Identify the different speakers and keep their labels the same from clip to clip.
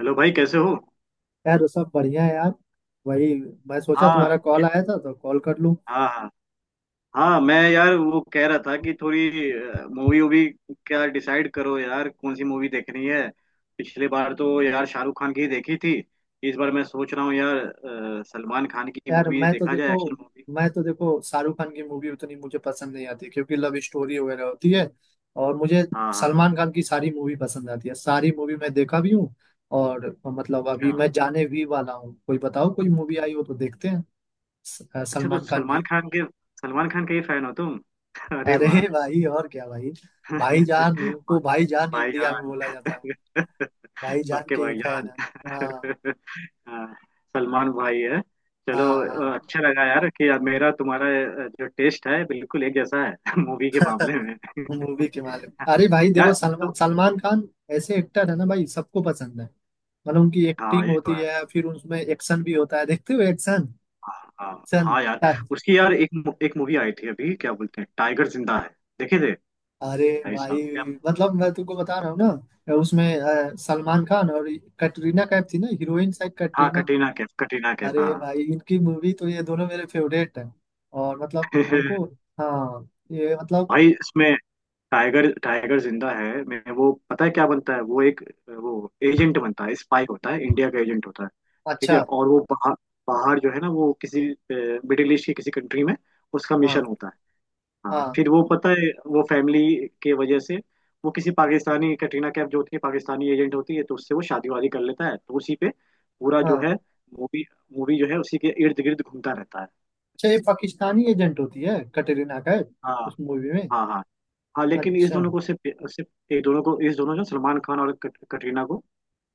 Speaker 1: Hello भाई, कैसे हो?
Speaker 2: यार सब बढ़िया है यार। वही। मैं सोचा
Speaker 1: हाँ।
Speaker 2: तुम्हारा
Speaker 1: क-
Speaker 2: कॉल आया था तो कॉल कर लूं।
Speaker 1: हाँ, हाँ। हाँ मैं यार वो कह रहा था कि थोड़ी मूवी वूवी, क्या डिसाइड करो यार कौन सी मूवी देखनी है। पिछले बार तो यार शाहरुख खान की ही देखी थी। इस बार मैं सोच रहा हूँ यार सलमान खान की
Speaker 2: यार
Speaker 1: मूवी
Speaker 2: मैं तो
Speaker 1: देखा जाए,
Speaker 2: देखो
Speaker 1: एक्शन मूवी।
Speaker 2: मैं तो देखो शाहरुख खान की मूवी उतनी मुझे पसंद नहीं आती क्योंकि लव स्टोरी वगैरह होती है। और मुझे
Speaker 1: हाँ हाँ।
Speaker 2: सलमान खान की सारी मूवी पसंद आती है। सारी मूवी मैं देखा भी हूँ। और मतलब अभी
Speaker 1: अच्छा।
Speaker 2: मैं जाने भी वाला हूँ। कोई बताओ कोई मूवी आई हो तो देखते हैं।
Speaker 1: अच्छा तो
Speaker 2: सलमान खान की।
Speaker 1: सलमान खान के, सलमान खान के ही फैन हो तुम? अरे
Speaker 2: अरे
Speaker 1: वाह।
Speaker 2: भाई और क्या भाई। भाईजान उनको भाईजान इंडिया में
Speaker 1: भाईजान।
Speaker 2: बोला जाता है। भाईजान
Speaker 1: सबके
Speaker 2: के ही फैन
Speaker 1: भाईजान।
Speaker 2: है। हाँ
Speaker 1: हाँ, सलमान भाई है।
Speaker 2: हाँ
Speaker 1: चलो।
Speaker 2: हाँ।
Speaker 1: अच्छा लगा यार कि यार मेरा तुम्हारा जो टेस्ट है बिल्कुल एक जैसा है मूवी के मामले में।
Speaker 2: मूवी के मालूम अरे भाई
Speaker 1: यार
Speaker 2: देखो सलमान
Speaker 1: तो
Speaker 2: सलमान खान ऐसे एक्टर है ना भाई। सबको पसंद है। मतलब उनकी
Speaker 1: हाँ,
Speaker 2: एक्टिंग
Speaker 1: ये
Speaker 2: होती
Speaker 1: तो है।
Speaker 2: है फिर उसमें एक्शन भी होता है। देखते हो एक्शन
Speaker 1: हाँ हाँ
Speaker 2: एक्शन।
Speaker 1: हाँ यार। उसकी यार एक एक मूवी आई थी अभी, क्या बोलते हैं, टाइगर जिंदा है, देखे थे?
Speaker 2: अरे
Speaker 1: भाई
Speaker 2: भाई
Speaker 1: साहब क्या!
Speaker 2: मतलब मैं तुमको बता रहा हूँ ना उसमें सलमान खान और कटरीना कैफ थी ना हीरोइन शायद
Speaker 1: हाँ
Speaker 2: कटरीना।
Speaker 1: कटरीना कैफ, कटरीना कैफ
Speaker 2: अरे
Speaker 1: हाँ।
Speaker 2: भाई इनकी मूवी तो ये दोनों मेरे फेवरेट है। और मतलब हमको। हाँ ये मतलब।
Speaker 1: भाई इसमें टाइगर, टाइगर जिंदा है, मैं वो पता है क्या बनता है? वो एक, वो एजेंट बनता है, स्पाई होता है, इंडिया का एजेंट होता है। ठीक है,
Speaker 2: अच्छा।
Speaker 1: और वो पहाड़, पहाड़ जो है ना वो किसी मिडिल ईस्ट की किसी कंट्री में उसका
Speaker 2: हाँ
Speaker 1: मिशन होता है। हाँ
Speaker 2: हाँ
Speaker 1: फिर वो पता है वो फैमिली के वजह से, वो किसी पाकिस्तानी कटरीना कैफ जो होती है पाकिस्तानी एजेंट होती है तो उससे वो शादी वादी कर लेता है, तो उसी पे पूरा जो
Speaker 2: हाँ।
Speaker 1: है मूवी, मूवी जो है उसी के इर्द गिर्द घूमता रहता है।
Speaker 2: अच्छा ये पाकिस्तानी एजेंट होती है कटरीना कैफ
Speaker 1: हाँ
Speaker 2: उस मूवी में।
Speaker 1: हाँ। हाँ हाँ लेकिन इस
Speaker 2: अच्छा।
Speaker 1: दोनों को सिर्फ, सिर्फ एक दोनों को, इस दोनों जो सलमान खान और कटरीना को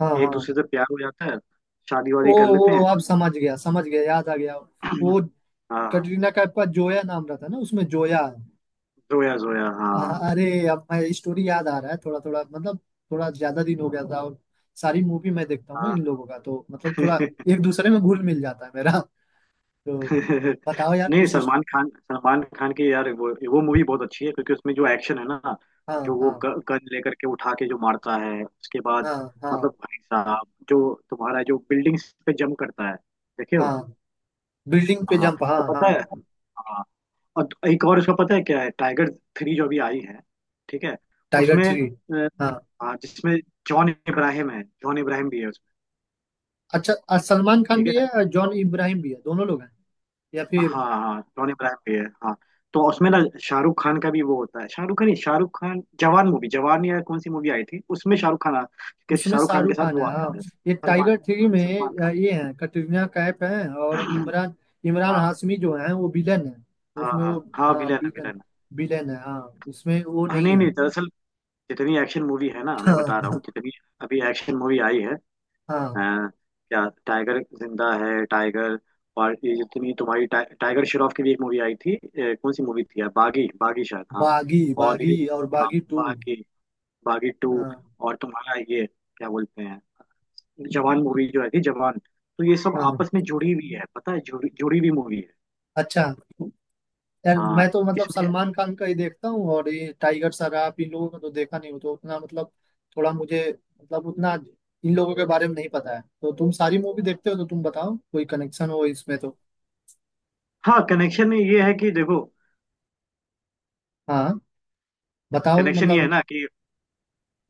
Speaker 2: हाँ
Speaker 1: एक
Speaker 2: हाँ।
Speaker 1: दूसरे से प्यार हो जाता है, शादी
Speaker 2: ओ
Speaker 1: वादी कर
Speaker 2: ओ
Speaker 1: लेते हैं।
Speaker 2: अब समझ गया याद आ गया। वो
Speaker 1: हाँ
Speaker 2: कटरीना कैफ का जोया नाम रहता है ना उसमें जोया है।
Speaker 1: जोया, जोया हाँ।
Speaker 2: अरे अब मैं स्टोरी याद आ रहा है थोड़ा थोड़ा मतलब थोड़ा ज्यादा दिन हो गया था। और सारी मूवी मैं देखता हूँ ना
Speaker 1: हाँ।
Speaker 2: इन लोगों का तो मतलब थोड़ा एक दूसरे में घुल मिल जाता है मेरा। तो बताओ यार
Speaker 1: नहीं,
Speaker 2: कुछ इस।
Speaker 1: सलमान खान, सलमान खान की यार वो मूवी बहुत अच्छी है क्योंकि उसमें जो एक्शन है ना,
Speaker 2: हाँ
Speaker 1: जो वो
Speaker 2: हाँ
Speaker 1: गन लेकर के उठा के जो मारता है उसके बाद,
Speaker 2: हाँ हाँ।
Speaker 1: मतलब भाई साहब जो तुम्हारा जो बिल्डिंग्स पे जंप करता है, देखे हो?
Speaker 2: हाँ बिल्डिंग पे
Speaker 1: हाँ।
Speaker 2: जंप हाँ
Speaker 1: और पता है,
Speaker 2: हाँ।
Speaker 1: हाँ, और एक और उसका पता है क्या है, टाइगर थ्री जो अभी आई है, ठीक है,
Speaker 2: टाइगर
Speaker 1: उसमें
Speaker 2: थ्री। हाँ
Speaker 1: हाँ जिसमें जॉन इब्राहिम है, जॉन इब्राहिम भी है उसमें।
Speaker 2: अच्छा सलमान खान
Speaker 1: ठीक।
Speaker 2: भी है और जॉन इब्राहिम भी है दोनों लोग हैं। या फिर
Speaker 1: हाँ हाँ टोनी इब्राहिम भी है, हाँ। तो उसमें ना शाहरुख खान का भी वो होता है, शाहरुख खान नहीं, शाहरुख खान, जवान मूवी, जवान या कौन सी मूवी आई थी उसमें शाहरुख खान के,
Speaker 2: उसमें
Speaker 1: शाहरुख खान के
Speaker 2: शाहरुख
Speaker 1: साथ
Speaker 2: खान है
Speaker 1: वो आता
Speaker 2: हाँ।
Speaker 1: है
Speaker 2: ये
Speaker 1: सलमान,
Speaker 2: टाइगर थ्री
Speaker 1: सलमान
Speaker 2: में
Speaker 1: खान।
Speaker 2: ये है कटरीना कैफ है और इमरान। इमरान
Speaker 1: हाँ
Speaker 2: हाशमी जो है वो विलन है।
Speaker 1: हाँ
Speaker 2: उसमें
Speaker 1: हाँ,
Speaker 2: वो
Speaker 1: हाँ
Speaker 2: हाँ
Speaker 1: विलन है,
Speaker 2: विलन
Speaker 1: विलन है।
Speaker 2: विलन है हाँ। इसमें वो
Speaker 1: हाँ
Speaker 2: नहीं
Speaker 1: नहीं
Speaker 2: है।
Speaker 1: नहीं, दरअसल जितनी एक्शन मूवी है ना, मैं बता रहा हूँ,
Speaker 2: हाँ
Speaker 1: जितनी अभी एक्शन मूवी आई है अ,
Speaker 2: हाँ।
Speaker 1: क्या टाइगर जिंदा है, टाइगर, और ये जितनी तुम्हारी टाइगर श्रॉफ की भी एक मूवी आई थी कौन सी मूवी थी यार, बागी, बागी शायद हाँ।
Speaker 2: बागी
Speaker 1: और
Speaker 2: बागी
Speaker 1: ये,
Speaker 2: और
Speaker 1: हाँ
Speaker 2: बागी टू।
Speaker 1: बागी, बागी टू।
Speaker 2: हाँ
Speaker 1: और तुम्हारा ये, क्या बोलते हैं, जवान मूवी जो है थी, जवान। तो ये सब
Speaker 2: हाँ।
Speaker 1: आपस में जुड़ी हुई है, पता है, जुड़ी, जुड़ी हुई मूवी है।
Speaker 2: अच्छा यार
Speaker 1: हाँ
Speaker 2: मैं तो मतलब
Speaker 1: इसमें।
Speaker 2: सलमान खान का ही देखता हूँ। और ये टाइगर श्रॉफ इन लोगों का तो देखा नहीं हो तो उतना मतलब थोड़ा मुझे मतलब उतना इन लोगों के बारे में नहीं पता है। तो तुम सारी मूवी देखते हो तो तुम बताओ कोई कनेक्शन हो इसमें तो।
Speaker 1: हाँ कनेक्शन ये है कि देखो,
Speaker 2: हाँ बताओ तो
Speaker 1: कनेक्शन ये है
Speaker 2: मतलब।
Speaker 1: ना कि,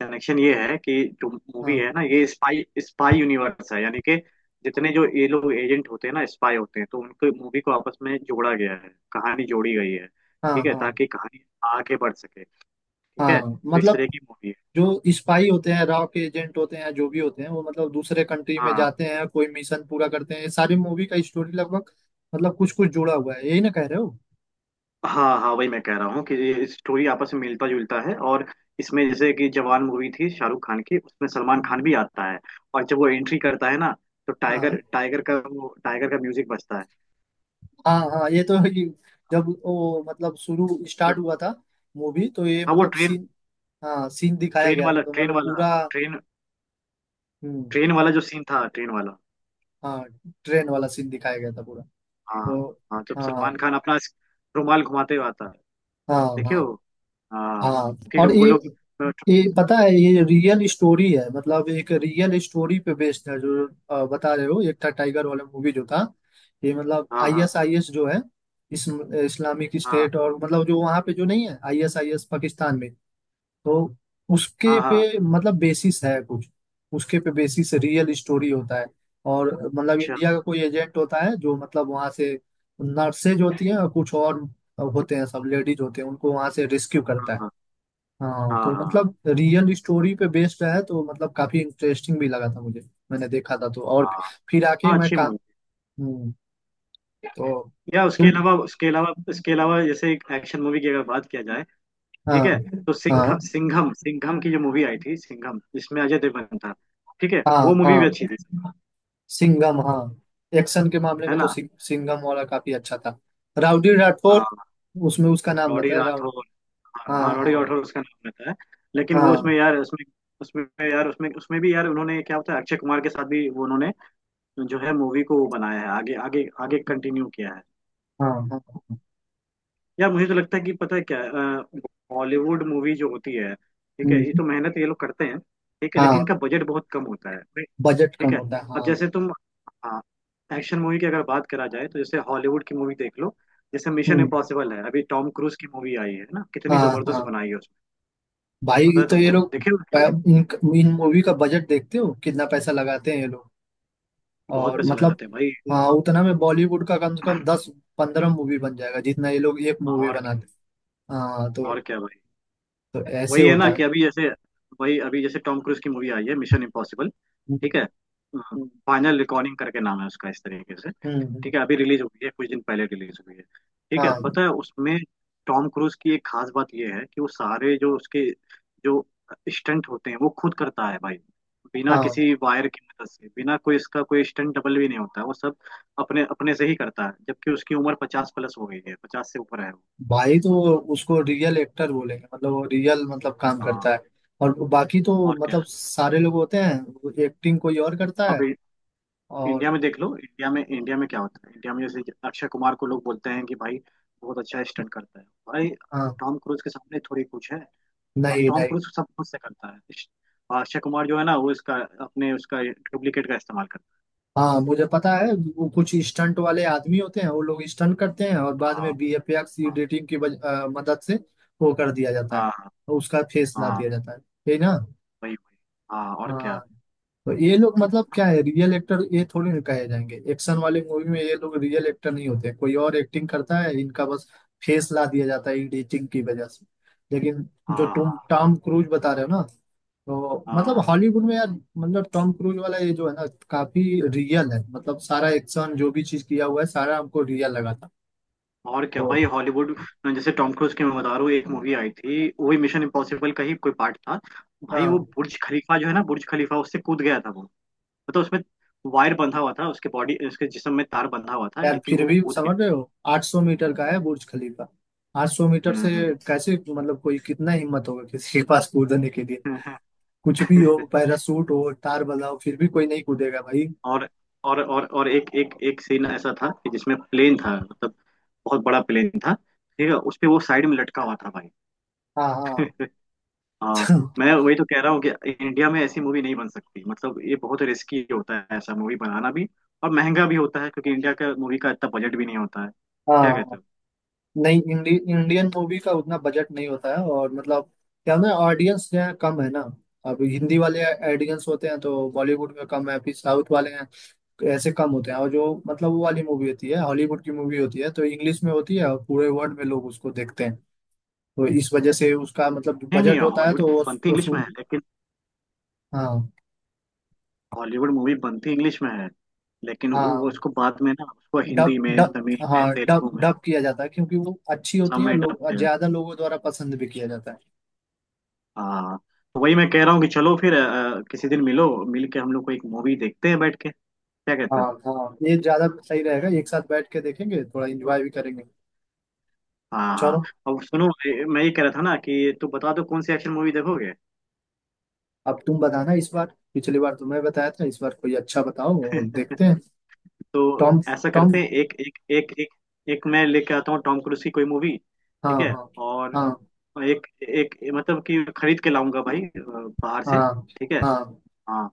Speaker 1: कनेक्शन ये है कि जो मूवी
Speaker 2: हाँ
Speaker 1: है ना, ये स्पाई, स्पाई यूनिवर्स है, यानी कि जितने जो ये लोग एजेंट होते हैं ना, स्पाई होते हैं, तो उनके मूवी को आपस में जोड़ा गया है, कहानी जोड़ी गई है,
Speaker 2: हाँ
Speaker 1: ठीक है,
Speaker 2: हाँ
Speaker 1: ताकि कहानी आगे बढ़ सके। ठीक है,
Speaker 2: हाँ
Speaker 1: तो इस
Speaker 2: मतलब
Speaker 1: तरह की मूवी है।
Speaker 2: जो स्पाई होते हैं रॉ के एजेंट होते हैं जो भी होते हैं वो मतलब दूसरे कंट्री में
Speaker 1: हाँ
Speaker 2: जाते हैं कोई मिशन पूरा करते हैं। ये सारी मूवी का स्टोरी लगभग मतलब कुछ कुछ जुड़ा हुआ है यही ना कह रहे हो।
Speaker 1: हाँ हाँ, वही मैं कह रहा हूँ कि ये स्टोरी आपस में मिलता जुलता है। और इसमें जैसे कि जवान मूवी थी शाहरुख खान की, उसमें सलमान खान
Speaker 2: हम्म।
Speaker 1: भी आता है, और जब वो एंट्री करता है ना तो
Speaker 2: हाँ
Speaker 1: टाइगर, टाइगर का वो, टाइगर का म्यूजिक बजता है।
Speaker 2: हाँ हाँ ये तो है कि जब वो मतलब शुरू स्टार्ट
Speaker 1: वो-
Speaker 2: हुआ था मूवी तो ये
Speaker 1: हाँ वो
Speaker 2: मतलब
Speaker 1: ट्रेन,
Speaker 2: सीन। हाँ सीन दिखाया
Speaker 1: ट्रेन
Speaker 2: गया था
Speaker 1: वाला,
Speaker 2: तो
Speaker 1: ट्रेन
Speaker 2: मतलब
Speaker 1: वाला
Speaker 2: पूरा।
Speaker 1: ट्रेन,
Speaker 2: हम्म।
Speaker 1: ट्रेन वाला जो सीन था, ट्रेन वाला।
Speaker 2: हाँ ट्रेन वाला सीन दिखाया गया था पूरा।
Speaker 1: हाँ।
Speaker 2: तो
Speaker 1: हाँ जब सलमान
Speaker 2: हाँ
Speaker 1: खान अपना रुमाल घुमाते हुए आता है,
Speaker 2: हाँ
Speaker 1: देखे
Speaker 2: हाँ
Speaker 1: हो? हाँ।
Speaker 2: हाँ।
Speaker 1: फिर
Speaker 2: और
Speaker 1: वो लोग,
Speaker 2: ये पता है ये रियल स्टोरी है मतलब एक रियल स्टोरी पे बेस्ड है। जो बता रहे हो एक था टाइगर वाला मूवी जो था ये मतलब
Speaker 1: हाँ हाँ
Speaker 2: आईएसआईएस जो है इस इस्लामिक
Speaker 1: हाँ।
Speaker 2: स्टेट। और मतलब जो वहाँ पे जो नहीं है आईएसआईएस पाकिस्तान में तो उसके
Speaker 1: हाँ हाँ
Speaker 2: पे मतलब बेसिस है कुछ। उसके पे बेसिस रियल स्टोरी होता है। और मतलब
Speaker 1: अच्छा।
Speaker 2: इंडिया का कोई एजेंट होता है जो मतलब वहाँ से नर्सेज होती हैं और कुछ और होते हैं सब लेडीज होते हैं उनको वहाँ से रेस्क्यू
Speaker 1: हाँ
Speaker 2: करता है।
Speaker 1: हाँ
Speaker 2: हाँ
Speaker 1: हाँ
Speaker 2: तो
Speaker 1: हाँ।
Speaker 2: मतलब रियल स्टोरी पे बेस्ड है तो मतलब काफी इंटरेस्टिंग भी लगा था मुझे। मैंने देखा था तो और
Speaker 1: हाँ
Speaker 2: फिर आके
Speaker 1: हाँ
Speaker 2: मैं
Speaker 1: अच्छी
Speaker 2: का।
Speaker 1: मूवी।
Speaker 2: हम्म। तो
Speaker 1: या उसके
Speaker 2: तुम।
Speaker 1: अलावा, उसके अलावा, इसके अलावा जैसे एक एक्शन मूवी की अगर बात किया जाए,
Speaker 2: हाँ
Speaker 1: ठीक है, तो
Speaker 2: हाँ
Speaker 1: सिंघम, सिंघम, सिंघम की जो मूवी आई थी, सिंघम, जिसमें अजय देवगन था, ठीक है,
Speaker 2: हाँ
Speaker 1: वो मूवी भी
Speaker 2: हाँ
Speaker 1: अच्छी थी।
Speaker 2: सिंघम हाँ। एक्शन के मामले
Speaker 1: है
Speaker 2: में तो
Speaker 1: ना।
Speaker 2: सिंघम वाला काफी अच्छा था। राउडी राठौर
Speaker 1: हाँ
Speaker 2: उसमें उसका नाम
Speaker 1: रॉडी
Speaker 2: रहता है राउड।
Speaker 1: राठौर। हाँ
Speaker 2: हाँ
Speaker 1: हाँ, रॉडी
Speaker 2: हाँ
Speaker 1: राठौर उसका नाम रहता है। लेकिन वो
Speaker 2: हाँ
Speaker 1: उसमें यार, उसमें, उसमें यार, उसमें उसमें भी यार, उन्होंने क्या होता है, अक्षय कुमार के साथ भी वो उन्होंने जो है मूवी को बनाया है, आगे, आगे, आगे कंटिन्यू किया है।
Speaker 2: हाँ हाँ हाँ।
Speaker 1: यार मुझे तो लगता है कि पता है क्या, बॉलीवुड मूवी जो होती है, ठीक है, ये
Speaker 2: हम्म।
Speaker 1: तो मेहनत ये लोग करते हैं, ठीक है, लेकिन
Speaker 2: हाँ
Speaker 1: इनका बजट बहुत कम होता है, right?
Speaker 2: बजट कम
Speaker 1: ठीक है।
Speaker 2: होता है
Speaker 1: अब
Speaker 2: हाँ।
Speaker 1: जैसे तुम, हाँ एक्शन मूवी की अगर बात करा जाए, तो जैसे हॉलीवुड की मूवी देख लो, जैसे मिशन
Speaker 2: हम्म।
Speaker 1: इम्पॉसिबल है, अभी टॉम क्रूज की मूवी आई है ना, कितनी
Speaker 2: हाँ
Speaker 1: जबरदस्त
Speaker 2: हाँ
Speaker 1: बनाई है उसमें,
Speaker 2: भाई
Speaker 1: पता है
Speaker 2: तो ये
Speaker 1: तुमको,
Speaker 2: लोग
Speaker 1: देखे हो?
Speaker 2: इन इन मूवी का बजट देखते हो कितना पैसा लगाते हैं ये लोग।
Speaker 1: बहुत
Speaker 2: और
Speaker 1: पैसा
Speaker 2: मतलब
Speaker 1: लगाते हैं भाई।
Speaker 2: हाँ उतना में बॉलीवुड का कम से कम 10 15 मूवी बन जाएगा जितना ये लोग एक मूवी
Speaker 1: और
Speaker 2: बनाते हैं। हाँ तो
Speaker 1: और क्या भाई।
Speaker 2: तो ऐसे
Speaker 1: वही है
Speaker 2: होता
Speaker 1: ना
Speaker 2: है।
Speaker 1: कि अभी जैसे, वही अभी जैसे टॉम क्रूज की मूवी आई है मिशन इम्पॉसिबल,
Speaker 2: ये।
Speaker 1: ठीक है,
Speaker 2: हम्म
Speaker 1: फाइनल रिकॉर्डिंग करके नाम है उसका इस तरीके से,
Speaker 2: हम्म।
Speaker 1: ठीक है, अभी रिलीज हुई है, कुछ दिन पहले रिलीज हुई है, ठीक है,
Speaker 2: हाँ
Speaker 1: पता है उसमें, टॉम क्रूज की एक खास बात यह है कि वो सारे जो उसके जो स्टंट होते हैं वो खुद करता है भाई, बिना
Speaker 2: हाँ
Speaker 1: किसी वायर की मदद से, बिना कोई, इसका कोई स्टंट डबल भी नहीं होता है, वो सब अपने, अपने से ही करता है, जबकि उसकी उम्र पचास प्लस हो गई है, पचास से ऊपर है वो।
Speaker 2: भाई तो उसको रियल एक्टर बोलेंगे मतलब वो रियल मतलब काम
Speaker 1: हाँ
Speaker 2: करता है। और बाकी तो
Speaker 1: और क्या।
Speaker 2: मतलब सारे लोग होते हैं एक्टिंग कोई और करता
Speaker 1: अब
Speaker 2: है।
Speaker 1: इंडिया
Speaker 2: और
Speaker 1: में देख लो, इंडिया में, इंडिया में क्या होता है, इंडिया में जैसे अक्षय कुमार को लोग बोलते हैं कि भाई बहुत अच्छा स्टंट करता है भाई,
Speaker 2: हाँ
Speaker 1: टॉम क्रूज के सामने थोड़ी कुछ है। और
Speaker 2: नहीं
Speaker 1: टॉम
Speaker 2: नहीं।
Speaker 1: क्रूज सब कुछ से करता है, और अक्षय कुमार जो है ना वो इसका, अपने उसका डुप्लीकेट का इस्तेमाल करता
Speaker 2: हाँ मुझे पता है वो कुछ स्टंट वाले आदमी होते हैं वो लोग स्टंट करते हैं और बाद
Speaker 1: है।
Speaker 2: में
Speaker 1: हाँ
Speaker 2: वीएफएक्स
Speaker 1: हाँ।
Speaker 2: एडिटिंग की मदद से वो कर दिया जाता है।
Speaker 1: हाँ, हाँ
Speaker 2: उसका फेस ला
Speaker 1: हाँ,
Speaker 2: दिया जाता है यही ना।
Speaker 1: वही वही। हाँ और क्या।
Speaker 2: हाँ तो ये लोग मतलब क्या है रियल एक्टर ये थोड़ी ना कहे जाएंगे एक्शन वाले मूवी में ये लोग रियल एक्टर नहीं होते कोई और एक्टिंग करता है इनका बस फेस ला दिया जाता है एडिटिंग की वजह से। लेकिन जो
Speaker 1: हाँ हाँ
Speaker 2: तुम टॉम क्रूज बता रहे हो ना तो मतलब
Speaker 1: हाँ,
Speaker 2: हॉलीवुड में यार मतलब टॉम क्रूज वाला ये जो है ना काफी रियल है मतलब सारा एक्शन जो भी चीज किया हुआ है सारा हमको रियल लगा था।
Speaker 1: और क्या
Speaker 2: तो
Speaker 1: भाई, हॉलीवुड जैसे टॉम क्रूज की, मैं बता रहा हूँ, एक मूवी आई थी वही मिशन इम्पॉसिबल का ही कोई पार्ट था, भाई वो
Speaker 2: हाँ
Speaker 1: बुर्ज खलीफा जो है ना, बुर्ज खलीफा, उससे कूद गया था वो, मतलब उसमें वायर बंधा हुआ था उसके बॉडी, उसके जिस्म में तार बंधा हुआ था
Speaker 2: यार
Speaker 1: लेकिन
Speaker 2: फिर
Speaker 1: वो
Speaker 2: भी
Speaker 1: कूद
Speaker 2: समझ
Speaker 1: गया
Speaker 2: रहे
Speaker 1: था।
Speaker 2: हो 800 मीटर का है बुर्ज खलीफा। 800 मीटर से
Speaker 1: हम्म।
Speaker 2: कैसे मतलब कोई कितना हिम्मत होगा किसी के पास कूदने के लिए।
Speaker 1: था।
Speaker 2: कुछ भी हो पैरासूट हो तार बजाओ फिर भी कोई नहीं कूदेगा भाई।
Speaker 1: और और एक, एक एक सीन ऐसा था कि जिसमें प्लेन था, मतलब बहुत बड़ा प्लेन था, ठीक है, उस पे वो साइड में लटका हुआ था भाई।
Speaker 2: हाँ हाँ
Speaker 1: हाँ। मैं वही तो कह रहा हूँ कि इंडिया में ऐसी मूवी नहीं बन सकती, मतलब ये बहुत रिस्की होता है ऐसा मूवी बनाना भी, और महंगा भी होता है क्योंकि इंडिया का मूवी का इतना बजट भी नहीं होता है। क्या
Speaker 2: हाँ
Speaker 1: कहते हो?
Speaker 2: नहीं इंडियन मूवी का उतना बजट नहीं होता है और मतलब क्या ना ऑडियंस यहाँ कम है ना। अब हिंदी वाले ऑडियंस होते हैं तो बॉलीवुड में कम है फिर साउथ वाले हैं ऐसे कम होते हैं। और जो मतलब वो वाली मूवी होती है हॉलीवुड की मूवी होती है तो इंग्लिश में होती है और पूरे वर्ल्ड में लोग उसको देखते हैं तो इस वजह से उसका मतलब
Speaker 1: नहीं नहीं,
Speaker 2: बजट होता है तो
Speaker 1: हॉलीवुड
Speaker 2: वो
Speaker 1: बनती इंग्लिश में
Speaker 2: वसूल।
Speaker 1: है लेकिन,
Speaker 2: हाँ
Speaker 1: हॉलीवुड मूवी बनती इंग्लिश में है लेकिन वो
Speaker 2: हाँ
Speaker 1: उसको बाद में ना उसको
Speaker 2: डब
Speaker 1: हिंदी में,
Speaker 2: डब
Speaker 1: तमिल में,
Speaker 2: हाँ डब
Speaker 1: तेलुगु में
Speaker 2: डब किया जाता है क्योंकि वो अच्छी होती
Speaker 1: सब
Speaker 2: है और
Speaker 1: में डब
Speaker 2: लोग
Speaker 1: किया जाता
Speaker 2: ज्यादा
Speaker 1: है।
Speaker 2: लोगों द्वारा पसंद भी किया जाता है।
Speaker 1: हाँ। तो वही मैं कह रहा हूँ कि चलो फिर किसी दिन मिलो, मिल के हम लोग को एक मूवी देखते हैं बैठ के, क्या कहते
Speaker 2: हाँ
Speaker 1: हो?
Speaker 2: हाँ ये ज्यादा सही रहेगा एक साथ बैठ के देखेंगे थोड़ा एंजॉय भी करेंगे।
Speaker 1: हाँ हाँ।
Speaker 2: चलो।
Speaker 1: अब सुनो मैं ये कह रहा था ना कि तू बता दो कौन सी एक्शन मूवी देखोगे।
Speaker 2: अब तुम बताना इस बार पिछली बार तुमने बताया था इस बार कोई अच्छा बताओ और देखते हैं।
Speaker 1: तो
Speaker 2: टॉम
Speaker 1: ऐसा
Speaker 2: टॉम
Speaker 1: करते हैं, एक, एक, एक, एक, एक मैं लेके आता हूँ टॉम क्रूज की कोई मूवी,
Speaker 2: हाँ
Speaker 1: ठीक है,
Speaker 2: हाँ
Speaker 1: और
Speaker 2: हाँ
Speaker 1: एक, एक मतलब कि खरीद के लाऊंगा भाई बाहर से,
Speaker 2: हाँ
Speaker 1: ठीक है,
Speaker 2: हाँ
Speaker 1: हाँ,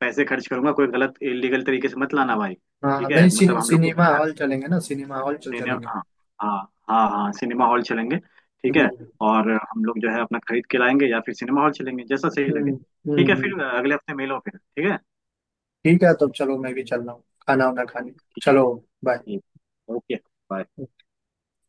Speaker 1: पैसे खर्च करूंगा, कोई गलत इलीगल तरीके से मत लाना भाई,
Speaker 2: हाँ।
Speaker 1: ठीक है,
Speaker 2: नहीं
Speaker 1: मतलब हम लोग को
Speaker 2: सिनेमा हॉल चलेंगे ना सिनेमा हॉल चल चलेंगे
Speaker 1: हाँ। हाँ हाँ, हाँ सिनेमा हॉल चलेंगे, ठीक है।
Speaker 2: हम्म
Speaker 1: और हम लोग जो है अपना खरीद के लाएंगे, या फिर सिनेमा हॉल चलेंगे, जैसा सही लगे,
Speaker 2: हम्म हम्म
Speaker 1: ठीक है,
Speaker 2: हम्म।
Speaker 1: फिर अगले हफ्ते मिलो फिर, ठीक है।
Speaker 2: ठीक है तो चलो मैं भी चल रहा हूँ खाना वाना खाने।
Speaker 1: ठीक।
Speaker 2: चलो। बाय।
Speaker 1: ठीक ओके।